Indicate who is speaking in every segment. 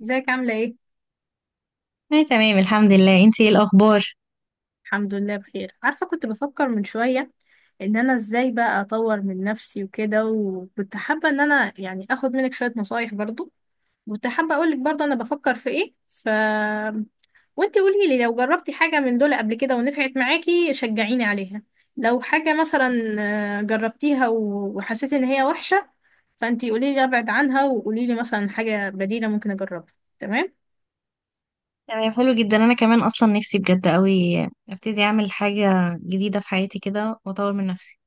Speaker 1: ازيك؟ عاملة ايه؟
Speaker 2: انا تمام، الحمد لله. انتي ايه الاخبار؟
Speaker 1: الحمد لله بخير. عارفة، كنت بفكر من شوية ان انا ازاي بقى اطور من نفسي وكده، وكنت حابة ان انا يعني اخد منك شوية نصايح برضو. كنت حابة اقولك برضو انا بفكر في ايه، وانتي قولي لي لو جربتي حاجة من دول قبل كده ونفعت معاكي شجعيني عليها. لو حاجة مثلا جربتيها وحسيتي ان هي وحشة، فانتي قولي لي ابعد عنها وقولي لي مثلا حاجة بديلة ممكن اجربها. تمام؟
Speaker 2: تمام، حلو جدا. انا كمان اصلا نفسي بجد قوي ابتدي اعمل حاجه جديده في حياتي كده واطور من نفسي.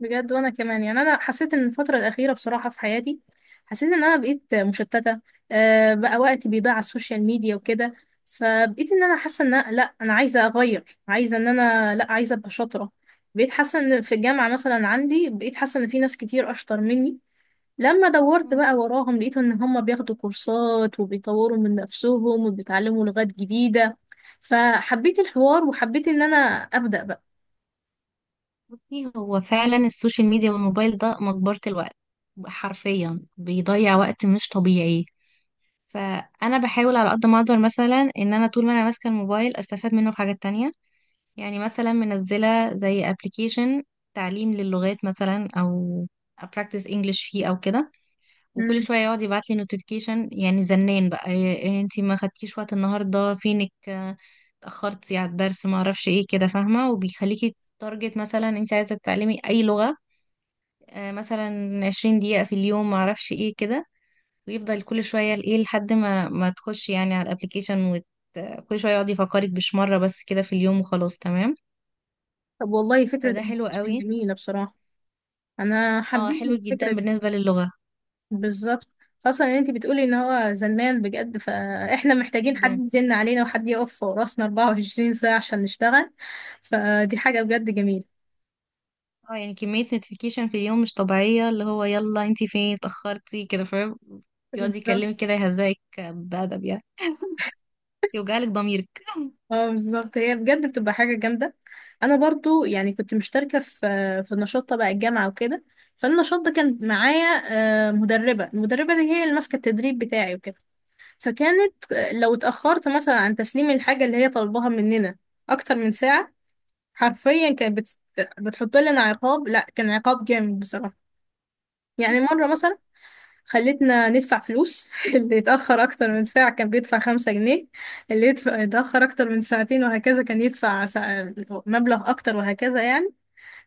Speaker 1: بجد. وانا كمان يعني انا حسيت ان الفتره الاخيره بصراحه في حياتي حسيت ان انا بقيت مشتته. بقى وقتي بيضيع على السوشيال ميديا وكده، فبقيت ان انا حاسه ان أنا- لا انا عايزه اغير، عايزه ان انا، لا عايزه ابقى شاطره. بقيت حاسه ان في الجامعه مثلا عندي، بقيت حاسه ان في ناس كتير اشطر مني. لما دورت
Speaker 2: مم.
Speaker 1: بقى وراهم لقيت ان هم بياخدوا كورسات وبيطوروا من نفسهم وبيتعلموا لغات جديده، فحبيت الحوار وحبيت ان انا ابدا بقى.
Speaker 2: بصي، هو فعلا السوشيال ميديا والموبايل ده مقبره الوقت. حرفيا بيضيع وقت مش طبيعي. فانا بحاول على قد ما اقدر مثلا ان انا طول ما انا ماسكه الموبايل استفاد منه في حاجات تانية. يعني مثلا منزله زي ابلكيشن تعليم للغات مثلا، او practice English فيه او كده. وكل
Speaker 1: مم.
Speaker 2: شويه يقعد يبعت لي نوتيفيكيشن، يعني زنان بقى: إيه إيه، انتي ما خدتيش وقت النهارده، فينك؟ اتاخرتي على الدرس، ما اعرفش ايه كده، فاهمه؟ وبيخليكي تارجت مثلا انتي عايزه تتعلمي اي لغه. مثلا 20 دقيقه في اليوم، ما اعرفش ايه كده. ويفضل كل شويه ايه لحد ما تخشي يعني على الابلكيشن، كل شويه يقعد يفكرك، مش مره بس كده في اليوم، وخلاص تمام.
Speaker 1: طب والله فكره
Speaker 2: فده حلو قوي.
Speaker 1: جميله بصراحه. انا
Speaker 2: اه،
Speaker 1: حبيت
Speaker 2: حلو جدا
Speaker 1: الفكره دي.
Speaker 2: بالنسبه للغه.
Speaker 1: بالظبط، خاصه ان انت بتقولي ان هو زنان بجد، فاحنا محتاجين حد
Speaker 2: جدا.
Speaker 1: يزن علينا وحد يقف فوق راسنا 24 ساعه عشان نشتغل. فدي حاجه بجد جميله.
Speaker 2: اه، يعني كمية نوتيفيكيشن في اليوم مش طبيعية، اللي هو يلا انتي فين، اتأخرتي كده، فاهم؟ يقعد يكلمك
Speaker 1: بالظبط.
Speaker 2: كده، يهزئك بأدب يعني، يوجعلك ضميرك.
Speaker 1: اه بالظبط، هي بجد بتبقى حاجه جامده. انا برضو يعني كنت مشتركه في نشاط تبع الجامعه وكده، فالنشاط ده كان معايا مدربه. المدربه دي هي اللي ماسكه التدريب بتاعي وكده. فكانت لو اتاخرت مثلا عن تسليم الحاجه اللي هي طالباها مننا اكتر من ساعه، حرفيا كانت بتحط لنا عقاب. لا كان عقاب جامد بصراحة. يعني مرة مثلا خلتنا ندفع فلوس اللي يتأخر أكتر من ساعة كان بيدفع 5 جنيه، اللي يتأخر أكتر من ساعتين وهكذا كان يدفع مبلغ أكتر، وهكذا يعني.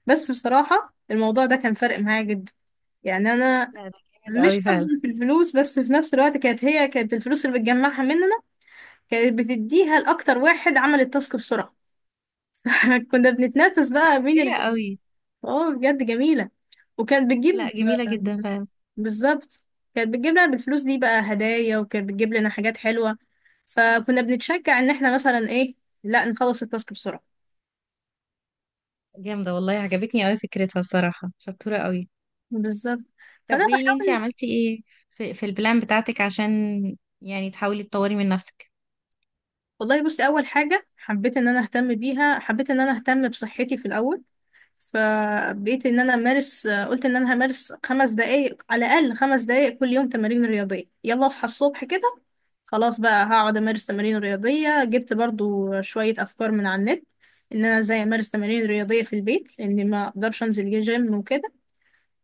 Speaker 1: بس بصراحة الموضوع ده كان فارق معايا جدا. يعني أنا
Speaker 2: لا، ده جامد
Speaker 1: مش
Speaker 2: قوي
Speaker 1: حبا
Speaker 2: فعلا.
Speaker 1: في الفلوس، بس في نفس الوقت كانت كانت الفلوس اللي بتجمعها مننا كانت بتديها لأكتر واحد عمل التاسك بسرعة. كنا بنتنافس
Speaker 2: دي
Speaker 1: بقى مين.
Speaker 2: ذكية قوي.
Speaker 1: اه بجد جميلة. وكانت بتجيب،
Speaker 2: لا، جميلة جدا فعلا.
Speaker 1: بالظبط، كانت بتجيب لنا بالفلوس دي بقى هدايا، وكانت بتجيب لنا حاجات حلوة، فكنا بنتشجع ان احنا مثلا ايه، لا نخلص التاسك بسرعة.
Speaker 2: جامدة والله، عجبتني قوي فكرتها الصراحة، شطورة قوي.
Speaker 1: بالظبط.
Speaker 2: طب
Speaker 1: فانا
Speaker 2: قولي لي، انتي
Speaker 1: بحاول.
Speaker 2: عملتي ايه في البلان بتاعتك عشان يعني تحاولي تطوري من نفسك؟
Speaker 1: والله بصي، اول حاجة حبيت ان انا اهتم بيها، حبيت ان انا اهتم بصحتي في الاول. فبقيت ان انا امارس، قلت ان انا همارس 5 دقايق على الاقل، 5 دقايق كل يوم تمارين رياضيه. يلا اصحى الصبح كده، خلاص بقى هقعد امارس تمارين رياضيه. جبت برضو شويه افكار من على النت ان انا ازاي امارس تمارين رياضيه في البيت، لان ما اقدرش انزل جيم وكده.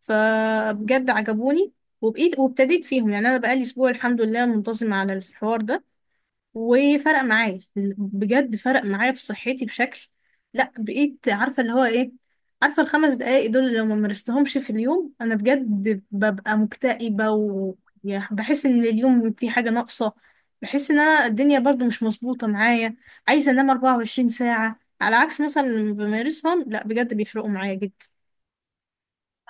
Speaker 1: فبجد عجبوني، وبقيت وابتديت فيهم. يعني انا بقالي اسبوع الحمد لله منتظم على الحوار ده، وفرق معايا بجد. فرق معايا في صحتي بشكل، لا بقيت عارفة اللي هو ايه. عارفة ال 5 دقايق دول اللي لو ما مارستهمش في اليوم، انا بجد ببقى مكتئبة وبحس ان اليوم في حاجة ناقصة. بحس ان انا الدنيا برضو مش مظبوطة معايا، عايزة انام 24 ساعة. على عكس مثلا لما بمارسهم، لا بجد بيفرقوا معايا جدا.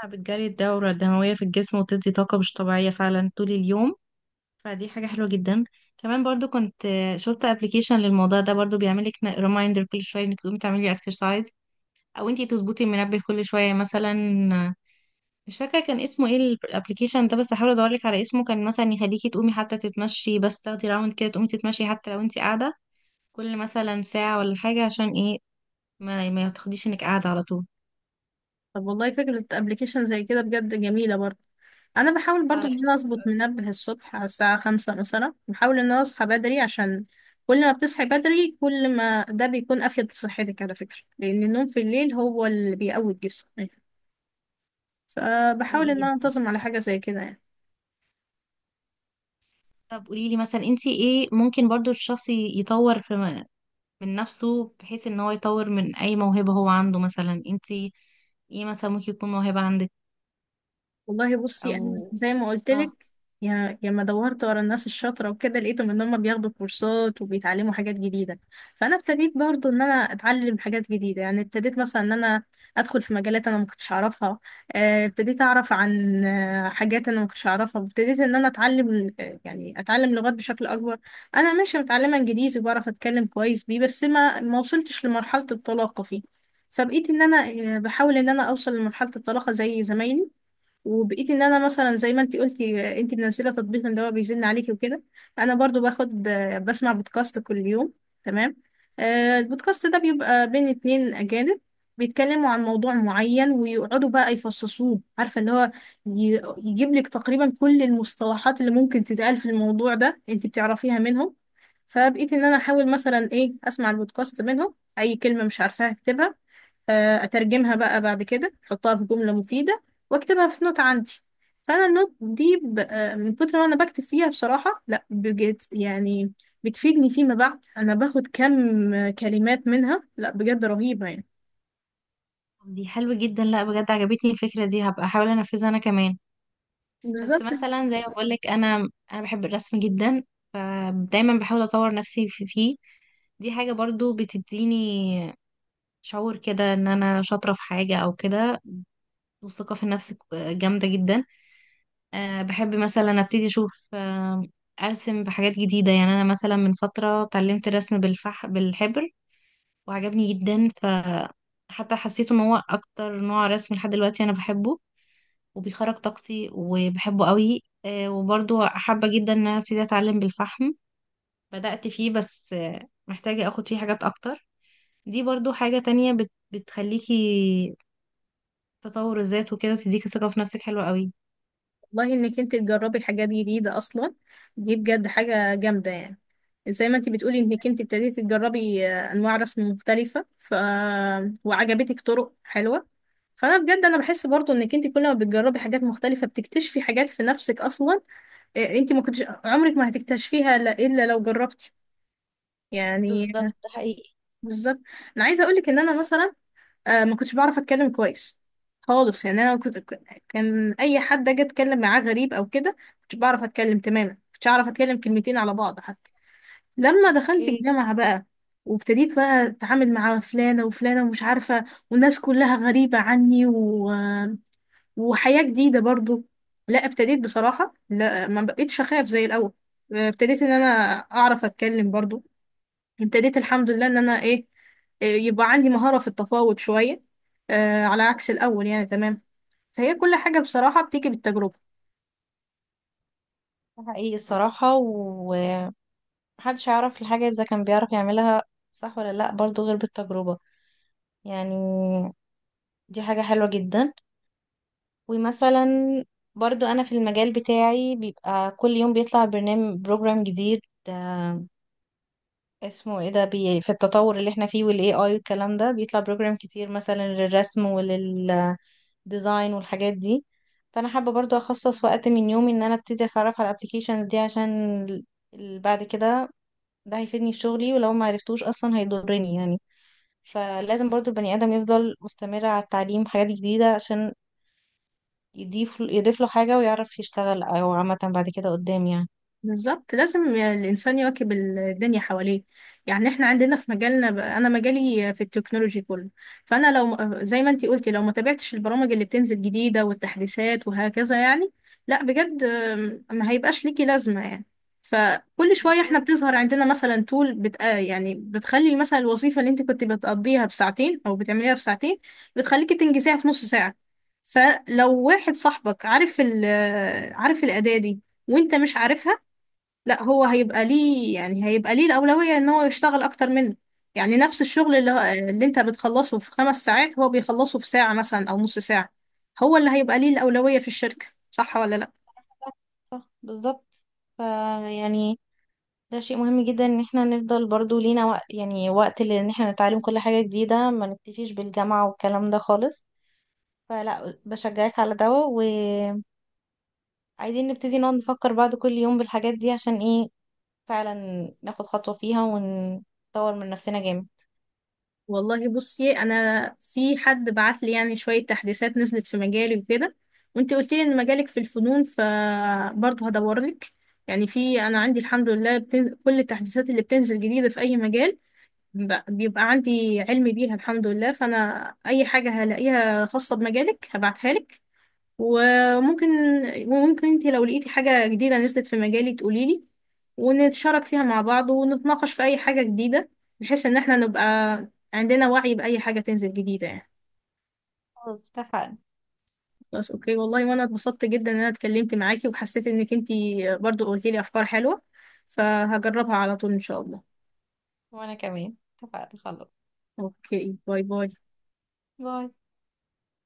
Speaker 2: بتجري الدورة الدموية في الجسم وتدي طاقة مش طبيعية فعلا طول اليوم. فدي حاجة حلوة جدا. كمان برضو كنت شفت ابلكيشن للموضوع ده برضو، بيعملك ريمايندر كل شوية انك تقومي تعملي اكسرسايز، او انتي تظبطي المنبه كل شوية مثلا. آه، مش فاكرة كان اسمه ايه الابلكيشن ده، بس هحاول ادورلك على اسمه. كان مثلا يخليكي تقومي حتى تتمشي، بس تاخدي راوند كده، تقومي تتمشي حتى لو انتي قاعدة كل مثلا ساعة ولا حاجة، عشان ايه ما تاخديش انك قاعدة على طول.
Speaker 1: طب والله فكرة ابلكيشن زي كده بجد جميلة برضو. انا بحاول
Speaker 2: اه،
Speaker 1: برضو
Speaker 2: لا.
Speaker 1: ان انا اظبط منبه الصبح على الساعة خمسة مثلا، بحاول ان انا اصحى بدري. عشان كل ما بتصحي بدري، كل ما ده بيكون افيد لصحتك على فكرة. لان النوم في الليل هو اللي بيقوي الجسم، فبحاول
Speaker 2: حقيقي
Speaker 1: ان انا
Speaker 2: جدا.
Speaker 1: انتظم على حاجة زي كده يعني.
Speaker 2: طب قولي لي مثلا، انت ايه ممكن برضو الشخص يطور في من نفسه، بحيث ان هو يطور من اي موهبة هو عنده؟ مثلا انتي ايه مثلا ممكن يكون موهبة عندك؟
Speaker 1: والله بصي،
Speaker 2: او
Speaker 1: انا زي ما قلت
Speaker 2: اه.
Speaker 1: لك، يا ما دورت ورا الناس الشاطره وكده لقيتهم ان هم بياخدوا كورسات وبيتعلموا حاجات جديده. فانا ابتديت برضو ان انا اتعلم حاجات جديده. يعني ابتديت مثلا ان انا ادخل في مجالات انا ما كنتش اعرفها. ابتديت اعرف عن حاجات انا ما كنتش اعرفها. ابتديت ان انا اتعلم، يعني اتعلم لغات بشكل اكبر. انا ماشي متعلمه انجليزي وبعرف اتكلم كويس بيه، بس ما وصلتش لمرحله الطلاقه فيه. فبقيت ان انا بحاول ان انا اوصل لمرحله الطلاقه زي زمايلي. وبقيت ان انا مثلا زي ما انت قلتي، انت منزله تطبيق ان هو بيزن عليكي وكده، انا برضو بسمع بودكاست كل يوم. تمام. البودكاست ده بيبقى بين اتنين اجانب، بيتكلموا عن موضوع معين ويقعدوا بقى يفصصوه، عارفه اللي هو يجيب لك تقريبا كل المصطلحات اللي ممكن تتقال في الموضوع ده انت بتعرفيها منهم. فبقيت ان انا احاول مثلا ايه، اسمع البودكاست منهم، اي كلمه مش عارفاها اكتبها، اترجمها بقى بعد كده، احطها في جملة مفيدة، واكتبها في نوت عندي. فانا النوت دي ب... آه، من كتر ما انا بكتب فيها بصراحة لا بجد يعني بتفيدني فيما بعد. انا باخد كم كلمات منها لا بجد رهيبة يعني.
Speaker 2: دي حلوة جدا، لا بجد عجبتني الفكرة دي، هبقى احاول انفذها انا كمان. بس
Speaker 1: بالظبط.
Speaker 2: مثلا زي ما بقولك، انا بحب الرسم جدا. فدايما بحاول اطور نفسي فيه. دي حاجة برضو بتديني شعور كده ان انا شاطرة في حاجة او كده، والثقة في النفس جامدة جدا. بحب مثلا ابتدي اشوف، ارسم بحاجات جديده. يعني انا مثلا من فتره اتعلمت الرسم بالحبر، وعجبني جدا. حتى حسيت ان هو اكتر نوع رسم لحد دلوقتي انا بحبه، وبيخرج طاقتي، وبحبه قوي. وبرضو حابه جدا ان انا ابتدي اتعلم بالفحم. بدأت فيه، بس محتاجه اخد فيه حاجات اكتر. دي برضو حاجه تانية بتخليكي تطور الذات وكده، وتديكي ثقه في نفسك. حلوه قوي.
Speaker 1: والله، انك انت تجربي حاجات جديدة اصلا دي بجد حاجة جامدة يعني. زي ما انت بتقولي انك انت ابتديتي تجربي انواع رسم مختلفة وعجبتك طرق حلوة. فانا بجد انا بحس برضو انك انت كل ما بتجربي حاجات مختلفة بتكتشفي حاجات في نفسك اصلا، انت ما كنتش عمرك ما هتكتشفيها لا- الا لو جربتي. يعني
Speaker 2: بالظبط، ده حقيقي.
Speaker 1: بالظبط. انا عايزة اقولك ان انا مثلا آه ما كنتش بعرف اتكلم كويس خالص يعني. انا كنت كان اي حد اجي اتكلم معاه غريب او كده كنتش بعرف اتكلم تماما، كنتش اعرف اتكلم كلمتين على بعض حتى. لما دخلت
Speaker 2: اوكي،
Speaker 1: الجامعة بقى، وابتديت بقى اتعامل مع فلانة وفلانة ومش عارفة، والناس كلها غريبة عني وحياة جديدة برضو، لا ابتديت بصراحة لا ما بقيتش اخاف زي الاول. ابتديت ان انا اعرف اتكلم برضو. ابتديت الحمد لله ان انا ايه، يبقى عندي مهارة في التفاوض شوية، آه على عكس الاول يعني. تمام. فهي كل حاجة بصراحة بتيجي بالتجربة.
Speaker 2: ده حقيقي الصراحة. ومحدش يعرف الحاجة إذا كان بيعرف يعملها صح ولا لأ برضو، غير بالتجربة يعني. دي حاجة حلوة جدا. ومثلا برضو، أنا في المجال بتاعي بيبقى كل يوم بيطلع برنامج بروجرام جديد. آه، اسمه ايه ده، بي في التطور اللي احنا فيه والاي اي والكلام ده بيطلع بروجرام كتير، مثلا للرسم وللديزاين والحاجات دي. فانا حابه برضو اخصص وقت من يومي ان انا ابتدي اتعرف على الابلكيشنز دي، عشان بعد كده ده هيفيدني في شغلي، ولو ما عرفتوش اصلا هيضرني يعني. فلازم برضو البني ادم يفضل مستمر على التعليم حاجات جديدة، عشان يضيف له حاجة ويعرف يشتغل او عامة بعد كده قدام يعني.
Speaker 1: بالظبط، لازم الإنسان يواكب الدنيا حواليه. يعني احنا عندنا في مجالنا أنا مجالي في التكنولوجي كله، فأنا لو زي ما انتي قلتي لو ما تابعتش البرامج اللي بتنزل جديدة والتحديثات وهكذا يعني لا بجد، ما هيبقاش ليكي لازمة يعني. فكل شوية احنا
Speaker 2: بالظبط.
Speaker 1: بتظهر عندنا مثلا تول بت... آه، يعني بتخلي مثلا الوظيفة اللي انت كنت بتقضيها بساعتين أو بتعمليها في ساعتين بتخليكي تنجزيها في نص ساعة. فلو واحد صاحبك عارف ال... آه، عارف الأداة دي وانت مش عارفها، لا هو هيبقى ليه، يعني هيبقى ليه الأولوية ان هو يشتغل اكتر منه. يعني نفس الشغل اللي انت بتخلصه في 5 ساعات هو بيخلصه في ساعة مثلا او نص ساعة، هو اللي هيبقى ليه الأولوية في الشركة. صح ولا لا؟
Speaker 2: صح، بالظبط. فيعني ده شيء مهم جدا ان احنا نفضل برضو لينا وقت، يعني وقت ان احنا نتعلم كل حاجة جديدة، ما نكتفيش بالجامعة والكلام ده خالص. فلا بشجعك على ده، وعايزين نبتدي نقعد نفكر بعض كل يوم بالحاجات دي، عشان ايه فعلا ناخد خطوة فيها ونطور من نفسنا جامد.
Speaker 1: والله بصي، انا في حد بعت لي يعني شوية تحديثات نزلت في مجالي وكده، وانت قلت لي ان مجالك في الفنون فبرضه هدور لك. يعني في انا عندي الحمد لله كل التحديثات اللي بتنزل جديدة في اي مجال بيبقى عندي علم بيها الحمد لله. فانا اي حاجه هلاقيها خاصه بمجالك هبعتها لك، وممكن وممكن انت لو لقيتي حاجه جديده نزلت في مجالي تقولي لي، ونتشارك فيها مع بعض ونتناقش في اي حاجه جديده، بحيث ان احنا نبقى عندنا وعي باي حاجه تنزل جديده يعني.
Speaker 2: خلاص اتفقنا.
Speaker 1: بس اوكي والله، وانا اتبسطت جدا ان انا اتكلمت معاكي وحسيت انك انت برضو قلتي لي افكار حلوه، فهجربها على طول ان شاء الله.
Speaker 2: وأنا كمان. اتفقنا خلاص.
Speaker 1: اوكي باي باي.
Speaker 2: باي.